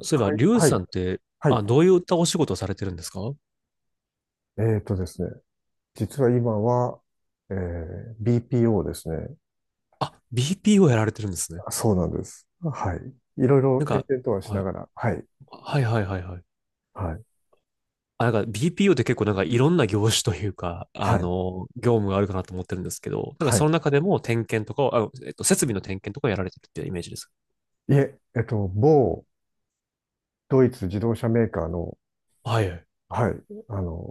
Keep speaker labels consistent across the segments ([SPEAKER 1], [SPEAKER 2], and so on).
[SPEAKER 1] そういえば、
[SPEAKER 2] はい、
[SPEAKER 1] リュウ
[SPEAKER 2] は
[SPEAKER 1] さ
[SPEAKER 2] い、
[SPEAKER 1] んって、
[SPEAKER 2] はい。
[SPEAKER 1] あ、どういったお仕事をされてるんですか？
[SPEAKER 2] ですね。実は今は、えー BPO ですね。
[SPEAKER 1] あ、BPO やられてるんですね。
[SPEAKER 2] あ、そうなんです。はい。いろいろ
[SPEAKER 1] なん
[SPEAKER 2] 転
[SPEAKER 1] か、
[SPEAKER 2] 々とはし
[SPEAKER 1] は
[SPEAKER 2] な
[SPEAKER 1] い、
[SPEAKER 2] がら、はい、
[SPEAKER 1] はいはいはいはい。
[SPEAKER 2] はい、
[SPEAKER 1] あ、なんか BPO って結構なんかいろんな業種というか、
[SPEAKER 2] はい、
[SPEAKER 1] 業務があるかなと思ってるんですけど、なんか
[SPEAKER 2] は
[SPEAKER 1] そ
[SPEAKER 2] い。
[SPEAKER 1] の中でも点検とかを、あ、設備の点検とかをやられてるっていうイメージです。
[SPEAKER 2] いえ、某ドイツ自動車メーカーの、
[SPEAKER 1] はい。
[SPEAKER 2] はい、あの、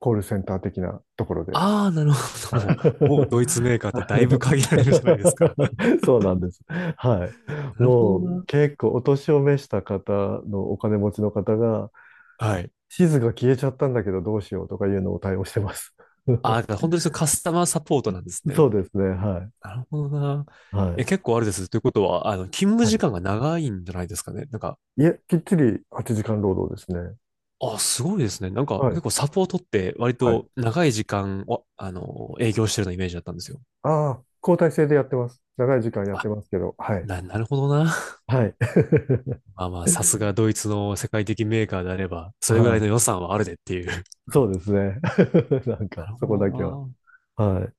[SPEAKER 2] コールセンター的なところで。
[SPEAKER 1] ああ、なるほど。もうドイツメーカーってだいぶ限られるじゃないですか。
[SPEAKER 2] そうなんです。はい。
[SPEAKER 1] なる
[SPEAKER 2] も
[SPEAKER 1] ほど
[SPEAKER 2] う
[SPEAKER 1] な。
[SPEAKER 2] 結構お年を召した方のお金持ちの方が
[SPEAKER 1] はい。
[SPEAKER 2] 地図が消えちゃったんだけどどうしようとかいうのを対応してます。
[SPEAKER 1] ああ、だ から本当にそのカスタマーサポートなんですね。
[SPEAKER 2] そうですね。はい。
[SPEAKER 1] なるほどな。
[SPEAKER 2] は
[SPEAKER 1] え、
[SPEAKER 2] い。
[SPEAKER 1] 結構あれです。ということは、勤務
[SPEAKER 2] は
[SPEAKER 1] 時
[SPEAKER 2] い。
[SPEAKER 1] 間が長いんじゃないですかね。なんか、
[SPEAKER 2] いえ、きっちり8時間労働ですね。
[SPEAKER 1] あ、すごいですね。なんか、
[SPEAKER 2] は
[SPEAKER 1] 結
[SPEAKER 2] い。
[SPEAKER 1] 構サポートって割
[SPEAKER 2] はい。
[SPEAKER 1] と長い時間を、営業してるようなイメージだったんですよ。
[SPEAKER 2] ああ、交代制でやってます。長い時間やって
[SPEAKER 1] あ、
[SPEAKER 2] ますけど。はい。
[SPEAKER 1] なるほどな。
[SPEAKER 2] はい。
[SPEAKER 1] まあまあ、さすがドイツの世界的メーカーであれば、それぐら
[SPEAKER 2] は
[SPEAKER 1] いの
[SPEAKER 2] い。
[SPEAKER 1] 予算はあるでっていう。
[SPEAKER 2] そうですね。なん
[SPEAKER 1] な
[SPEAKER 2] か、
[SPEAKER 1] る
[SPEAKER 2] そこ
[SPEAKER 1] ほ
[SPEAKER 2] だけは。
[SPEAKER 1] どな。
[SPEAKER 2] はい。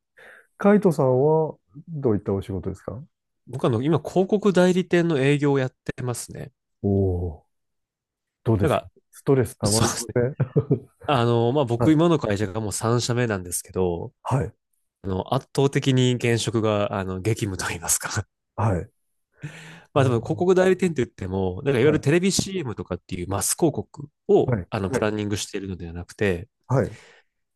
[SPEAKER 2] カイトさんはどういったお仕事ですか？
[SPEAKER 1] 僕今、広告代理店の営業をやってますね。
[SPEAKER 2] お、おー、どうで
[SPEAKER 1] なん
[SPEAKER 2] すか？
[SPEAKER 1] か、
[SPEAKER 2] ストレスたま
[SPEAKER 1] そう
[SPEAKER 2] り
[SPEAKER 1] で
[SPEAKER 2] ま
[SPEAKER 1] すね。
[SPEAKER 2] せん？
[SPEAKER 1] まあ
[SPEAKER 2] は
[SPEAKER 1] 僕、
[SPEAKER 2] い。
[SPEAKER 1] 今の会社がもう3社目なんですけど、
[SPEAKER 2] はい。
[SPEAKER 1] 圧倒的に現職が、激務と言いますか。
[SPEAKER 2] はい。あ
[SPEAKER 1] まあでも、広
[SPEAKER 2] ー、
[SPEAKER 1] 告代理店と言っても、なんかいわゆ
[SPEAKER 2] は
[SPEAKER 1] る
[SPEAKER 2] い。
[SPEAKER 1] テレビ CM とかっていうマス広告
[SPEAKER 2] は
[SPEAKER 1] を、
[SPEAKER 2] い。は
[SPEAKER 1] プラ
[SPEAKER 2] い。
[SPEAKER 1] ンニングしているのではなくて、
[SPEAKER 2] はい。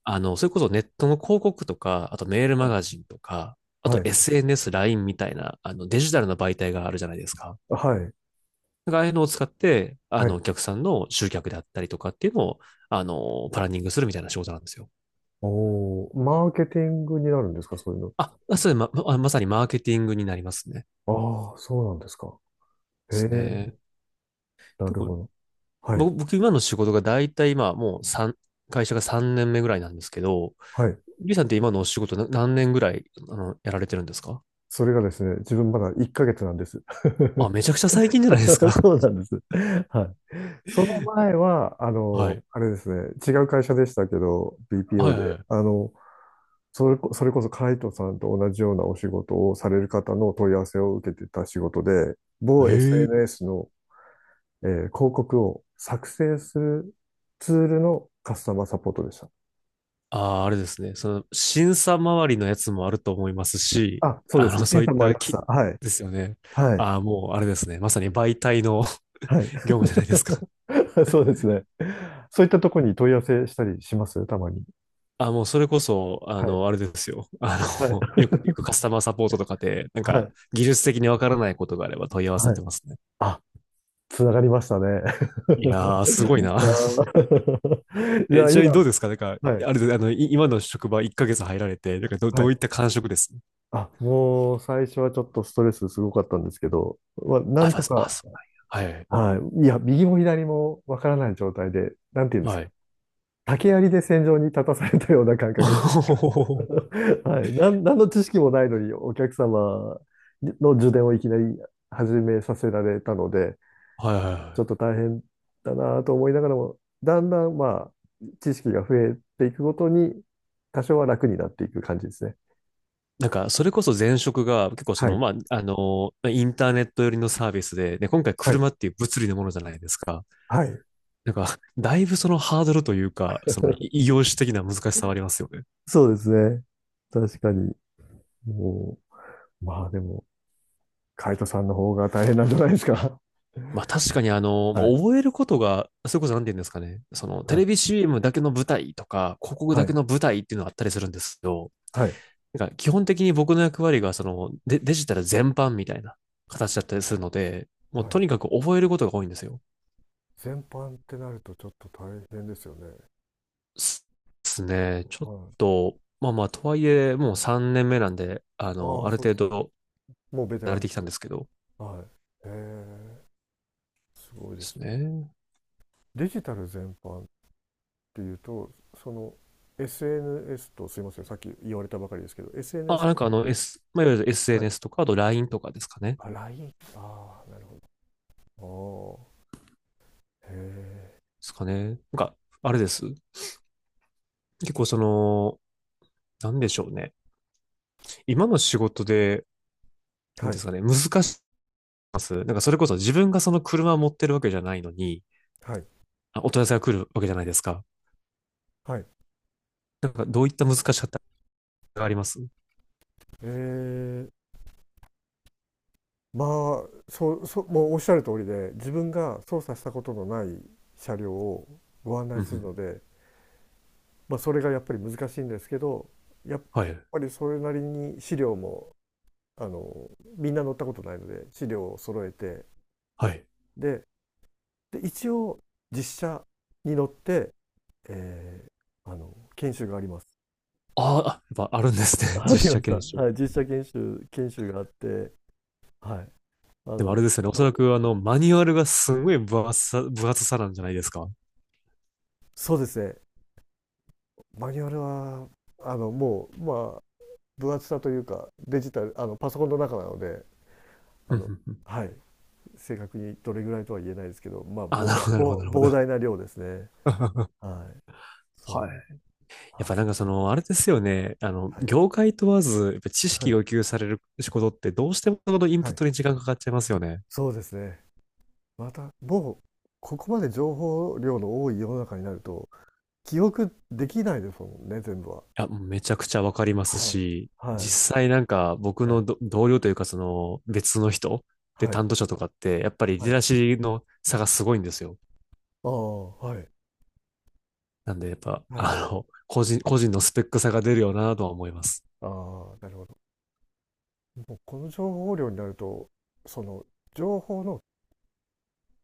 [SPEAKER 1] それこそネットの広告とか、あとメール
[SPEAKER 2] は
[SPEAKER 1] マ
[SPEAKER 2] い。
[SPEAKER 1] ガジンとか、あ
[SPEAKER 2] は
[SPEAKER 1] と
[SPEAKER 2] い。
[SPEAKER 1] SNS、LINE みたいな、デジタルな媒体があるじゃないですか。
[SPEAKER 2] はい。
[SPEAKER 1] なんかああいうのを使って、
[SPEAKER 2] はい。
[SPEAKER 1] お客さんの集客であったりとかっていうのを、プランニングするみたいな仕事なんですよ。
[SPEAKER 2] おー、マーケティングになるんですか、そういうの？
[SPEAKER 1] あ、あそれま、ままさにマーケティングになりますね。で
[SPEAKER 2] ああ、そうなんですか。へ
[SPEAKER 1] す
[SPEAKER 2] え、
[SPEAKER 1] ね。
[SPEAKER 2] な
[SPEAKER 1] 結
[SPEAKER 2] る
[SPEAKER 1] 構
[SPEAKER 2] ほど。はい。
[SPEAKER 1] 僕今の仕事が大体今もう会社が3年目ぐらいなんですけど、
[SPEAKER 2] はい。
[SPEAKER 1] リュウさんって今のお仕事な何年ぐらい、やられてるんですか？
[SPEAKER 2] それがですね、自分まだ1ヶ月なんです。
[SPEAKER 1] あ、めちゃくちゃ最近じゃないです か。
[SPEAKER 2] そうなんです。はい。その前は、あ
[SPEAKER 1] は
[SPEAKER 2] の、
[SPEAKER 1] い。
[SPEAKER 2] あれですね、違う会社でしたけど、
[SPEAKER 1] はい
[SPEAKER 2] BPO
[SPEAKER 1] はい
[SPEAKER 2] で、
[SPEAKER 1] は
[SPEAKER 2] あの、それこそカイトさんと同じようなお仕事をされる方の問い合わせを受けてた仕事で、
[SPEAKER 1] い
[SPEAKER 2] 某
[SPEAKER 1] へえ。
[SPEAKER 2] SNS の広告を作成するツールのカスタマーサポートでした。
[SPEAKER 1] あああれですね。その、審査周りのやつもあると思いますし、
[SPEAKER 2] あ、そうです。
[SPEAKER 1] そ
[SPEAKER 2] 審
[SPEAKER 1] ういっ
[SPEAKER 2] 査もあり
[SPEAKER 1] た
[SPEAKER 2] まし
[SPEAKER 1] き、
[SPEAKER 2] た。はい。
[SPEAKER 1] ですよね。
[SPEAKER 2] はい。
[SPEAKER 1] ああもうあれですね。まさに媒体の
[SPEAKER 2] はい。
[SPEAKER 1] 業務じゃないですか。
[SPEAKER 2] そうですね。そういったところに問い合わせしたりしますたまに。
[SPEAKER 1] あ、もうそれこそ、
[SPEAKER 2] はい。
[SPEAKER 1] あれですよ。
[SPEAKER 2] はい。
[SPEAKER 1] よく、よ くカスタマーサポートとかで、なん
[SPEAKER 2] は
[SPEAKER 1] か、
[SPEAKER 2] い。
[SPEAKER 1] 技術的にわからないことがあれば問い合わせ
[SPEAKER 2] はい。
[SPEAKER 1] てますね。
[SPEAKER 2] あ、つながりましたね。
[SPEAKER 1] いやー、すごい な。
[SPEAKER 2] あ ー じゃ
[SPEAKER 1] え、
[SPEAKER 2] あ
[SPEAKER 1] ちなみに
[SPEAKER 2] 今、
[SPEAKER 1] どうですかなんか、
[SPEAKER 2] はい。
[SPEAKER 1] あれで、今の職場1ヶ月入られて、なんかど、
[SPEAKER 2] は
[SPEAKER 1] ど
[SPEAKER 2] い。
[SPEAKER 1] ういった感触です？
[SPEAKER 2] あ、もう最初はちょっとストレスすごかったんですけど、まあ、な
[SPEAKER 1] あ、
[SPEAKER 2] ん
[SPEAKER 1] まあ、
[SPEAKER 2] とか、
[SPEAKER 1] そうなんや。はい。
[SPEAKER 2] はい。いや、右も左もわからない状態で、なんていうんです
[SPEAKER 1] は
[SPEAKER 2] か。
[SPEAKER 1] い。
[SPEAKER 2] 竹槍で戦場に立たされたような感覚。はい。何の知識もないのに、お客様の受電をいきなり始めさせられたので、
[SPEAKER 1] はいは
[SPEAKER 2] はい、
[SPEAKER 1] い
[SPEAKER 2] ちょっ
[SPEAKER 1] は
[SPEAKER 2] と大変だなと思いながらも、だんだん、まあ、知識が増えていくごとに、多少は楽になっていく感じですね。
[SPEAKER 1] い。なんか、それこそ前職が結構
[SPEAKER 2] はい。
[SPEAKER 1] まあ、インターネット寄りのサービスで、で、今回
[SPEAKER 2] はい。
[SPEAKER 1] 車っていう物理のものじゃないですか。
[SPEAKER 2] はい。
[SPEAKER 1] なんか、だいぶそのハードルというか、その 異業種的な難しさはありますよね。
[SPEAKER 2] そうですね。確かに。もう、まあでも、カイトさんの方が大変なんじゃないですか。
[SPEAKER 1] まあ確かに
[SPEAKER 2] はい、
[SPEAKER 1] 覚えることが、それこそなて言うんですかね。そのテ
[SPEAKER 2] はい、
[SPEAKER 1] レビ CM だけの舞台とか、広告
[SPEAKER 2] は
[SPEAKER 1] だけ
[SPEAKER 2] い、
[SPEAKER 1] の舞台っていうのがあったりするんですけど、
[SPEAKER 2] はい。
[SPEAKER 1] なんか基本的に僕の役割がそのデジタル全般みたいな形だったりするので、もう
[SPEAKER 2] はい。
[SPEAKER 1] とにかく覚えることが多いんですよ。
[SPEAKER 2] 全般ってなるとちょっと大変ですよね。
[SPEAKER 1] すですね。ちょっ
[SPEAKER 2] はい。
[SPEAKER 1] と、まあまあ、とはいえ、もう3年目なんで、
[SPEAKER 2] ああ、
[SPEAKER 1] ある
[SPEAKER 2] そうで
[SPEAKER 1] 程
[SPEAKER 2] すか。
[SPEAKER 1] 度
[SPEAKER 2] もうベテ
[SPEAKER 1] 慣
[SPEAKER 2] ラ
[SPEAKER 1] れ
[SPEAKER 2] ンで
[SPEAKER 1] てきた
[SPEAKER 2] す
[SPEAKER 1] ん
[SPEAKER 2] ね。
[SPEAKER 1] ですけど、
[SPEAKER 2] はい。へえ、すごい
[SPEAKER 1] で
[SPEAKER 2] です
[SPEAKER 1] す
[SPEAKER 2] ね。
[SPEAKER 1] ね。
[SPEAKER 2] デジタル全般っていうと、その SNS と、すいません、さっき言われたばかりですけど、
[SPEAKER 1] あ、
[SPEAKER 2] SNS
[SPEAKER 1] なんか
[SPEAKER 2] と、
[SPEAKER 1] まあ、いわゆる
[SPEAKER 2] はい。
[SPEAKER 1] SNS とか、あと LINE とかですかね。
[SPEAKER 2] あ、ああ、なるほど。ああ、へ
[SPEAKER 1] なんか、あれです。結構なんでしょうね。今の仕事で、
[SPEAKER 2] え。
[SPEAKER 1] なん
[SPEAKER 2] は
[SPEAKER 1] ていうんで
[SPEAKER 2] い、
[SPEAKER 1] すかね、難しいです。なんかそれこそ自分がその車を持ってるわけじゃないのに、
[SPEAKER 2] はい、
[SPEAKER 1] あ、お問い合わせが来るわけじゃないですか。
[SPEAKER 2] はい。
[SPEAKER 1] なんかどういった難しさってあります？うん、
[SPEAKER 2] ええ。まあ、そうそう、もうおっしゃる通りで、自分が操作したことのない車両をご案内
[SPEAKER 1] う
[SPEAKER 2] する
[SPEAKER 1] ん。
[SPEAKER 2] ので、まあ、それがやっぱり難しいんですけど、やっ
[SPEAKER 1] はい。
[SPEAKER 2] ぱりそれなりに資料も、あのみんな乗ったことないので資料を揃えて、
[SPEAKER 1] はい。
[SPEAKER 2] で、で一応実車に乗って、えー研修があります。
[SPEAKER 1] あーあ、やっぱあるんですね。
[SPEAKER 2] あり
[SPEAKER 1] 実
[SPEAKER 2] ま
[SPEAKER 1] 写
[SPEAKER 2] した。
[SPEAKER 1] 研修。
[SPEAKER 2] はい、実車研修、研修があって、はい、
[SPEAKER 1] でもあれですよね。お
[SPEAKER 2] 一
[SPEAKER 1] そ
[SPEAKER 2] 応、
[SPEAKER 1] らくマニュアルがすごい分厚さ、分厚さなんじゃないですか。うん
[SPEAKER 2] そうですね。マニュアルは、あのもうま分厚さというかデジタル、パソコンの中なので、あ
[SPEAKER 1] う
[SPEAKER 2] の、
[SPEAKER 1] んうん。
[SPEAKER 2] はい、正確にどれぐらいとは言えないですけど、まあ、
[SPEAKER 1] あ、なるほど、なるほど、なる
[SPEAKER 2] 膨大
[SPEAKER 1] ほ
[SPEAKER 2] な量ですね。
[SPEAKER 1] ど。
[SPEAKER 2] はい。
[SPEAKER 1] は
[SPEAKER 2] そ
[SPEAKER 1] い。
[SPEAKER 2] う。
[SPEAKER 1] やっぱ
[SPEAKER 2] は
[SPEAKER 1] なんかあれですよね。
[SPEAKER 2] い。
[SPEAKER 1] 業界問わず、やっぱ知
[SPEAKER 2] は
[SPEAKER 1] 識
[SPEAKER 2] い。
[SPEAKER 1] 要求される仕事ってどうしてもそのインプ
[SPEAKER 2] は
[SPEAKER 1] ッ
[SPEAKER 2] い。
[SPEAKER 1] トに時間かかっちゃいますよね。
[SPEAKER 2] そうですね。また、もう、ここまで情報量の多い世の中になると、記憶できないですもんね、全部は。
[SPEAKER 1] いや、めちゃくちゃわかります
[SPEAKER 2] はい。
[SPEAKER 1] し、
[SPEAKER 2] はい。
[SPEAKER 1] 実際なんか僕
[SPEAKER 2] は
[SPEAKER 1] の
[SPEAKER 2] い。
[SPEAKER 1] 同僚というかその別の人で
[SPEAKER 2] はい。
[SPEAKER 1] 担当者とかって、やっぱりリ
[SPEAKER 2] は
[SPEAKER 1] テ
[SPEAKER 2] い。
[SPEAKER 1] ラシーの差がすごいんですよ。
[SPEAKER 2] ああ、はい。
[SPEAKER 1] なんでやっぱ、
[SPEAKER 2] はい。
[SPEAKER 1] 個人、個人のスペック差が出るよなとは思います。
[SPEAKER 2] ああ、なるほど。もうこの情報量になると、その、情報の、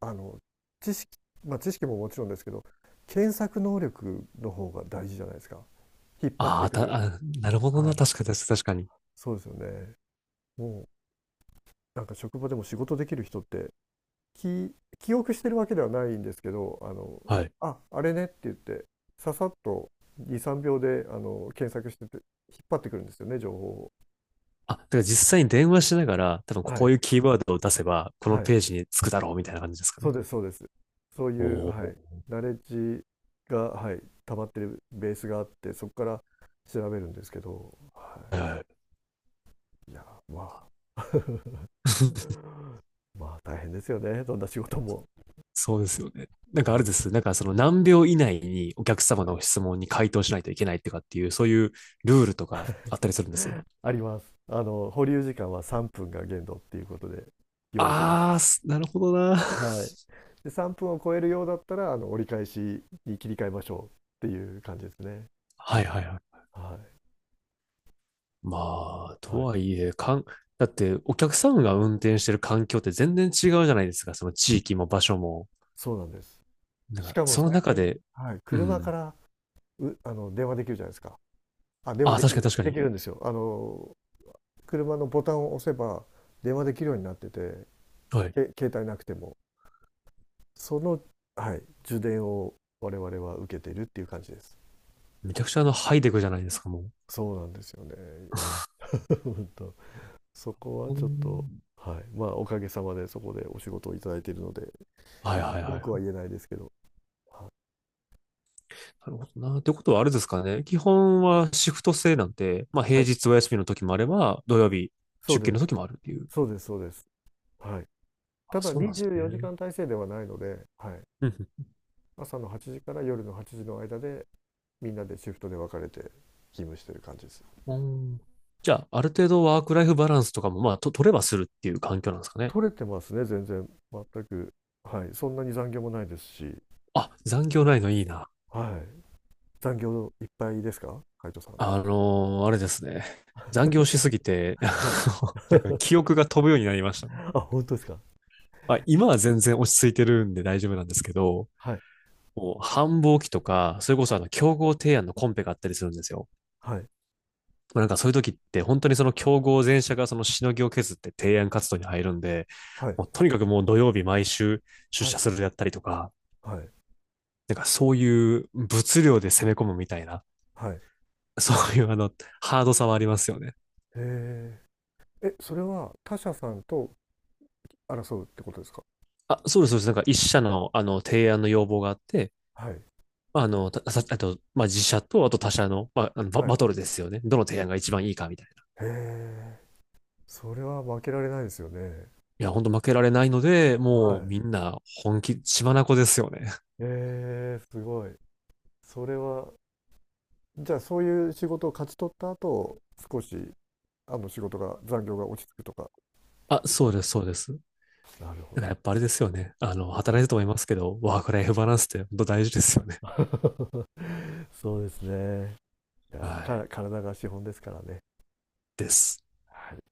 [SPEAKER 2] あの知識、まあ、知識ももちろんですけど、検索能力の方が大事じゃないですか。引っ張っ
[SPEAKER 1] あ
[SPEAKER 2] て
[SPEAKER 1] ー
[SPEAKER 2] く
[SPEAKER 1] た、
[SPEAKER 2] る。
[SPEAKER 1] あ、なるほど
[SPEAKER 2] は
[SPEAKER 1] な。
[SPEAKER 2] い、
[SPEAKER 1] 確かに、確かに。
[SPEAKER 2] そうですよね。もなんか職場でも仕事できる人って、き記憶してるわけではないんですけど、
[SPEAKER 1] はい。
[SPEAKER 2] ああれねって言ってささっと23秒で検索してて引っ張ってくるんですよね、情報を。
[SPEAKER 1] あ、だから実際に電話しながら、多分
[SPEAKER 2] は
[SPEAKER 1] こう
[SPEAKER 2] い、
[SPEAKER 1] いうキーワードを出せば、この
[SPEAKER 2] はい。
[SPEAKER 1] ページにつくだろうみたいな感じですか
[SPEAKER 2] そ
[SPEAKER 1] ね。
[SPEAKER 2] うです、そうです。そう
[SPEAKER 1] お
[SPEAKER 2] いう、はい、
[SPEAKER 1] お。
[SPEAKER 2] ナレッジが、はい、溜まってるベースがあって、そこから調べるんですけど、は
[SPEAKER 1] はいはい。
[SPEAKER 2] い、いや、まあ、まあ大変ですよね、どんな仕事も。
[SPEAKER 1] そうですよね。なん
[SPEAKER 2] あ
[SPEAKER 1] かあれ
[SPEAKER 2] ー、
[SPEAKER 1] です。なんかその何秒以内にお客様
[SPEAKER 2] はい、
[SPEAKER 1] の質問に回答しないといけないとかっていう、そういうルールとかあったりするんです？
[SPEAKER 2] あります。あの、保留時間は3分が限度っていうことで言われてま
[SPEAKER 1] あ
[SPEAKER 2] す。
[SPEAKER 1] あ、なるほどな。
[SPEAKER 2] はい。で、3分を超えるようだったら、あの、折り返しに切り替えましょうっていう感じですね。
[SPEAKER 1] はいはいはい。
[SPEAKER 2] は
[SPEAKER 1] まあ、
[SPEAKER 2] い。
[SPEAKER 1] と
[SPEAKER 2] は
[SPEAKER 1] は
[SPEAKER 2] い。
[SPEAKER 1] いえ、だってお客様が運転してる環境って全然違うじゃないですか。その地域も場所も。
[SPEAKER 2] そうなんです。
[SPEAKER 1] なん
[SPEAKER 2] し
[SPEAKER 1] か、
[SPEAKER 2] かも
[SPEAKER 1] その
[SPEAKER 2] 最
[SPEAKER 1] 中
[SPEAKER 2] 近、
[SPEAKER 1] で、
[SPEAKER 2] はい、
[SPEAKER 1] う
[SPEAKER 2] 車か
[SPEAKER 1] ん。
[SPEAKER 2] ら、電話できるじゃないですか。あ、電
[SPEAKER 1] あ
[SPEAKER 2] 話
[SPEAKER 1] あ、
[SPEAKER 2] でき
[SPEAKER 1] 確かに
[SPEAKER 2] る、
[SPEAKER 1] 確か
[SPEAKER 2] で
[SPEAKER 1] に。
[SPEAKER 2] きるんですよ。あの、車のボタンを押せば電話できるようになってて、
[SPEAKER 1] はい。
[SPEAKER 2] 携帯なくても。その、はい、受電を我々は受けてるっていう感じです。
[SPEAKER 1] めちゃくちゃハイデクじゃないですか、も
[SPEAKER 2] そうなんですよね。本当、そこは
[SPEAKER 1] う。うー
[SPEAKER 2] ちょっと、
[SPEAKER 1] ん
[SPEAKER 2] はい。まあ、おかげさまでそこでお仕事をいただいているので、
[SPEAKER 1] はいはいはいは
[SPEAKER 2] 文
[SPEAKER 1] い。
[SPEAKER 2] 句は
[SPEAKER 1] な
[SPEAKER 2] 言えないですけど。はい。
[SPEAKER 1] るほどな。ってことはあれですかね。基本はシフト制なんて、まあ平
[SPEAKER 2] はい、
[SPEAKER 1] 日お休みの時もあれば、土曜日
[SPEAKER 2] そう
[SPEAKER 1] 出
[SPEAKER 2] で
[SPEAKER 1] 勤
[SPEAKER 2] す。
[SPEAKER 1] の時もあるっていう。
[SPEAKER 2] そうです、そうです。はい。た
[SPEAKER 1] あ、
[SPEAKER 2] だ
[SPEAKER 1] そうなんで
[SPEAKER 2] 24
[SPEAKER 1] す
[SPEAKER 2] 時
[SPEAKER 1] ね。
[SPEAKER 2] 間体制ではないので、はい。
[SPEAKER 1] うん
[SPEAKER 2] 朝の8時から夜の8時の間でみんなでシフトで分かれて勤務してる感じです。
[SPEAKER 1] うん。うんじゃあ、ある程度ワークライフバランスとかも、まあ、取ればするっていう環境なんですかね？
[SPEAKER 2] 取れてますね、全然、全く。はい、そんなに残業もないですし。
[SPEAKER 1] あ、残業ないのいいな。
[SPEAKER 2] はい、残業いっぱいですか、海藤さん？
[SPEAKER 1] あれですね。残業しすぎて、
[SPEAKER 2] はい。
[SPEAKER 1] なんか 記憶が飛ぶようになりましたね。
[SPEAKER 2] あ、本当ですか？
[SPEAKER 1] まあ、今は全然落ち着いてるんで大丈夫なんですけど、
[SPEAKER 2] はい、
[SPEAKER 1] もう繁忙期とか、それこ
[SPEAKER 2] は
[SPEAKER 1] そ
[SPEAKER 2] い、
[SPEAKER 1] 競合提案のコンペがあったりするんですよ。
[SPEAKER 2] はい、
[SPEAKER 1] まあなんかそういう時って本当にその競合全社がそのしのぎを削って提案活動に入るんで、
[SPEAKER 2] はい、
[SPEAKER 1] もうとにかくもう土曜日毎週出
[SPEAKER 2] はい、
[SPEAKER 1] 社するやったりとか、
[SPEAKER 2] はい、
[SPEAKER 1] なんかそういう物量で攻め込むみたいな、
[SPEAKER 2] はい、へ
[SPEAKER 1] そういうハードさはありますよね。
[SPEAKER 2] え。えそれは他社さんと争うってことですか？
[SPEAKER 1] あ、そうです、そうです。なんか一社のあの提案の要望があって、
[SPEAKER 2] はい、
[SPEAKER 1] まああと、まあ自社とあと他社の、まあ、
[SPEAKER 2] はい、
[SPEAKER 1] バトルですよね。どの提案が一番いいかみたいな。
[SPEAKER 2] へえ、それは負けられないですよね。
[SPEAKER 1] いや、ほんと負けられないので、
[SPEAKER 2] は
[SPEAKER 1] もう
[SPEAKER 2] い、
[SPEAKER 1] みんな本気、血眼ですよね。
[SPEAKER 2] えー、すごい。それは、じゃあそういう仕事を勝ち取った後、少し、あの仕事が、残業が落ち着くとかっ
[SPEAKER 1] あ、
[SPEAKER 2] ていう
[SPEAKER 1] そ
[SPEAKER 2] 感
[SPEAKER 1] う
[SPEAKER 2] じ
[SPEAKER 1] です、
[SPEAKER 2] で
[SPEAKER 1] そうです。
[SPEAKER 2] す。なるほ
[SPEAKER 1] だからや
[SPEAKER 2] ど。
[SPEAKER 1] っぱあれですよね。
[SPEAKER 2] は
[SPEAKER 1] 働い
[SPEAKER 2] い。
[SPEAKER 1] てると思いますけど、ワークライフバランスって本当大事ですよね。
[SPEAKER 2] そうですね。い
[SPEAKER 1] は
[SPEAKER 2] や、
[SPEAKER 1] い。
[SPEAKER 2] 体が資本ですからね。
[SPEAKER 1] です。
[SPEAKER 2] はい。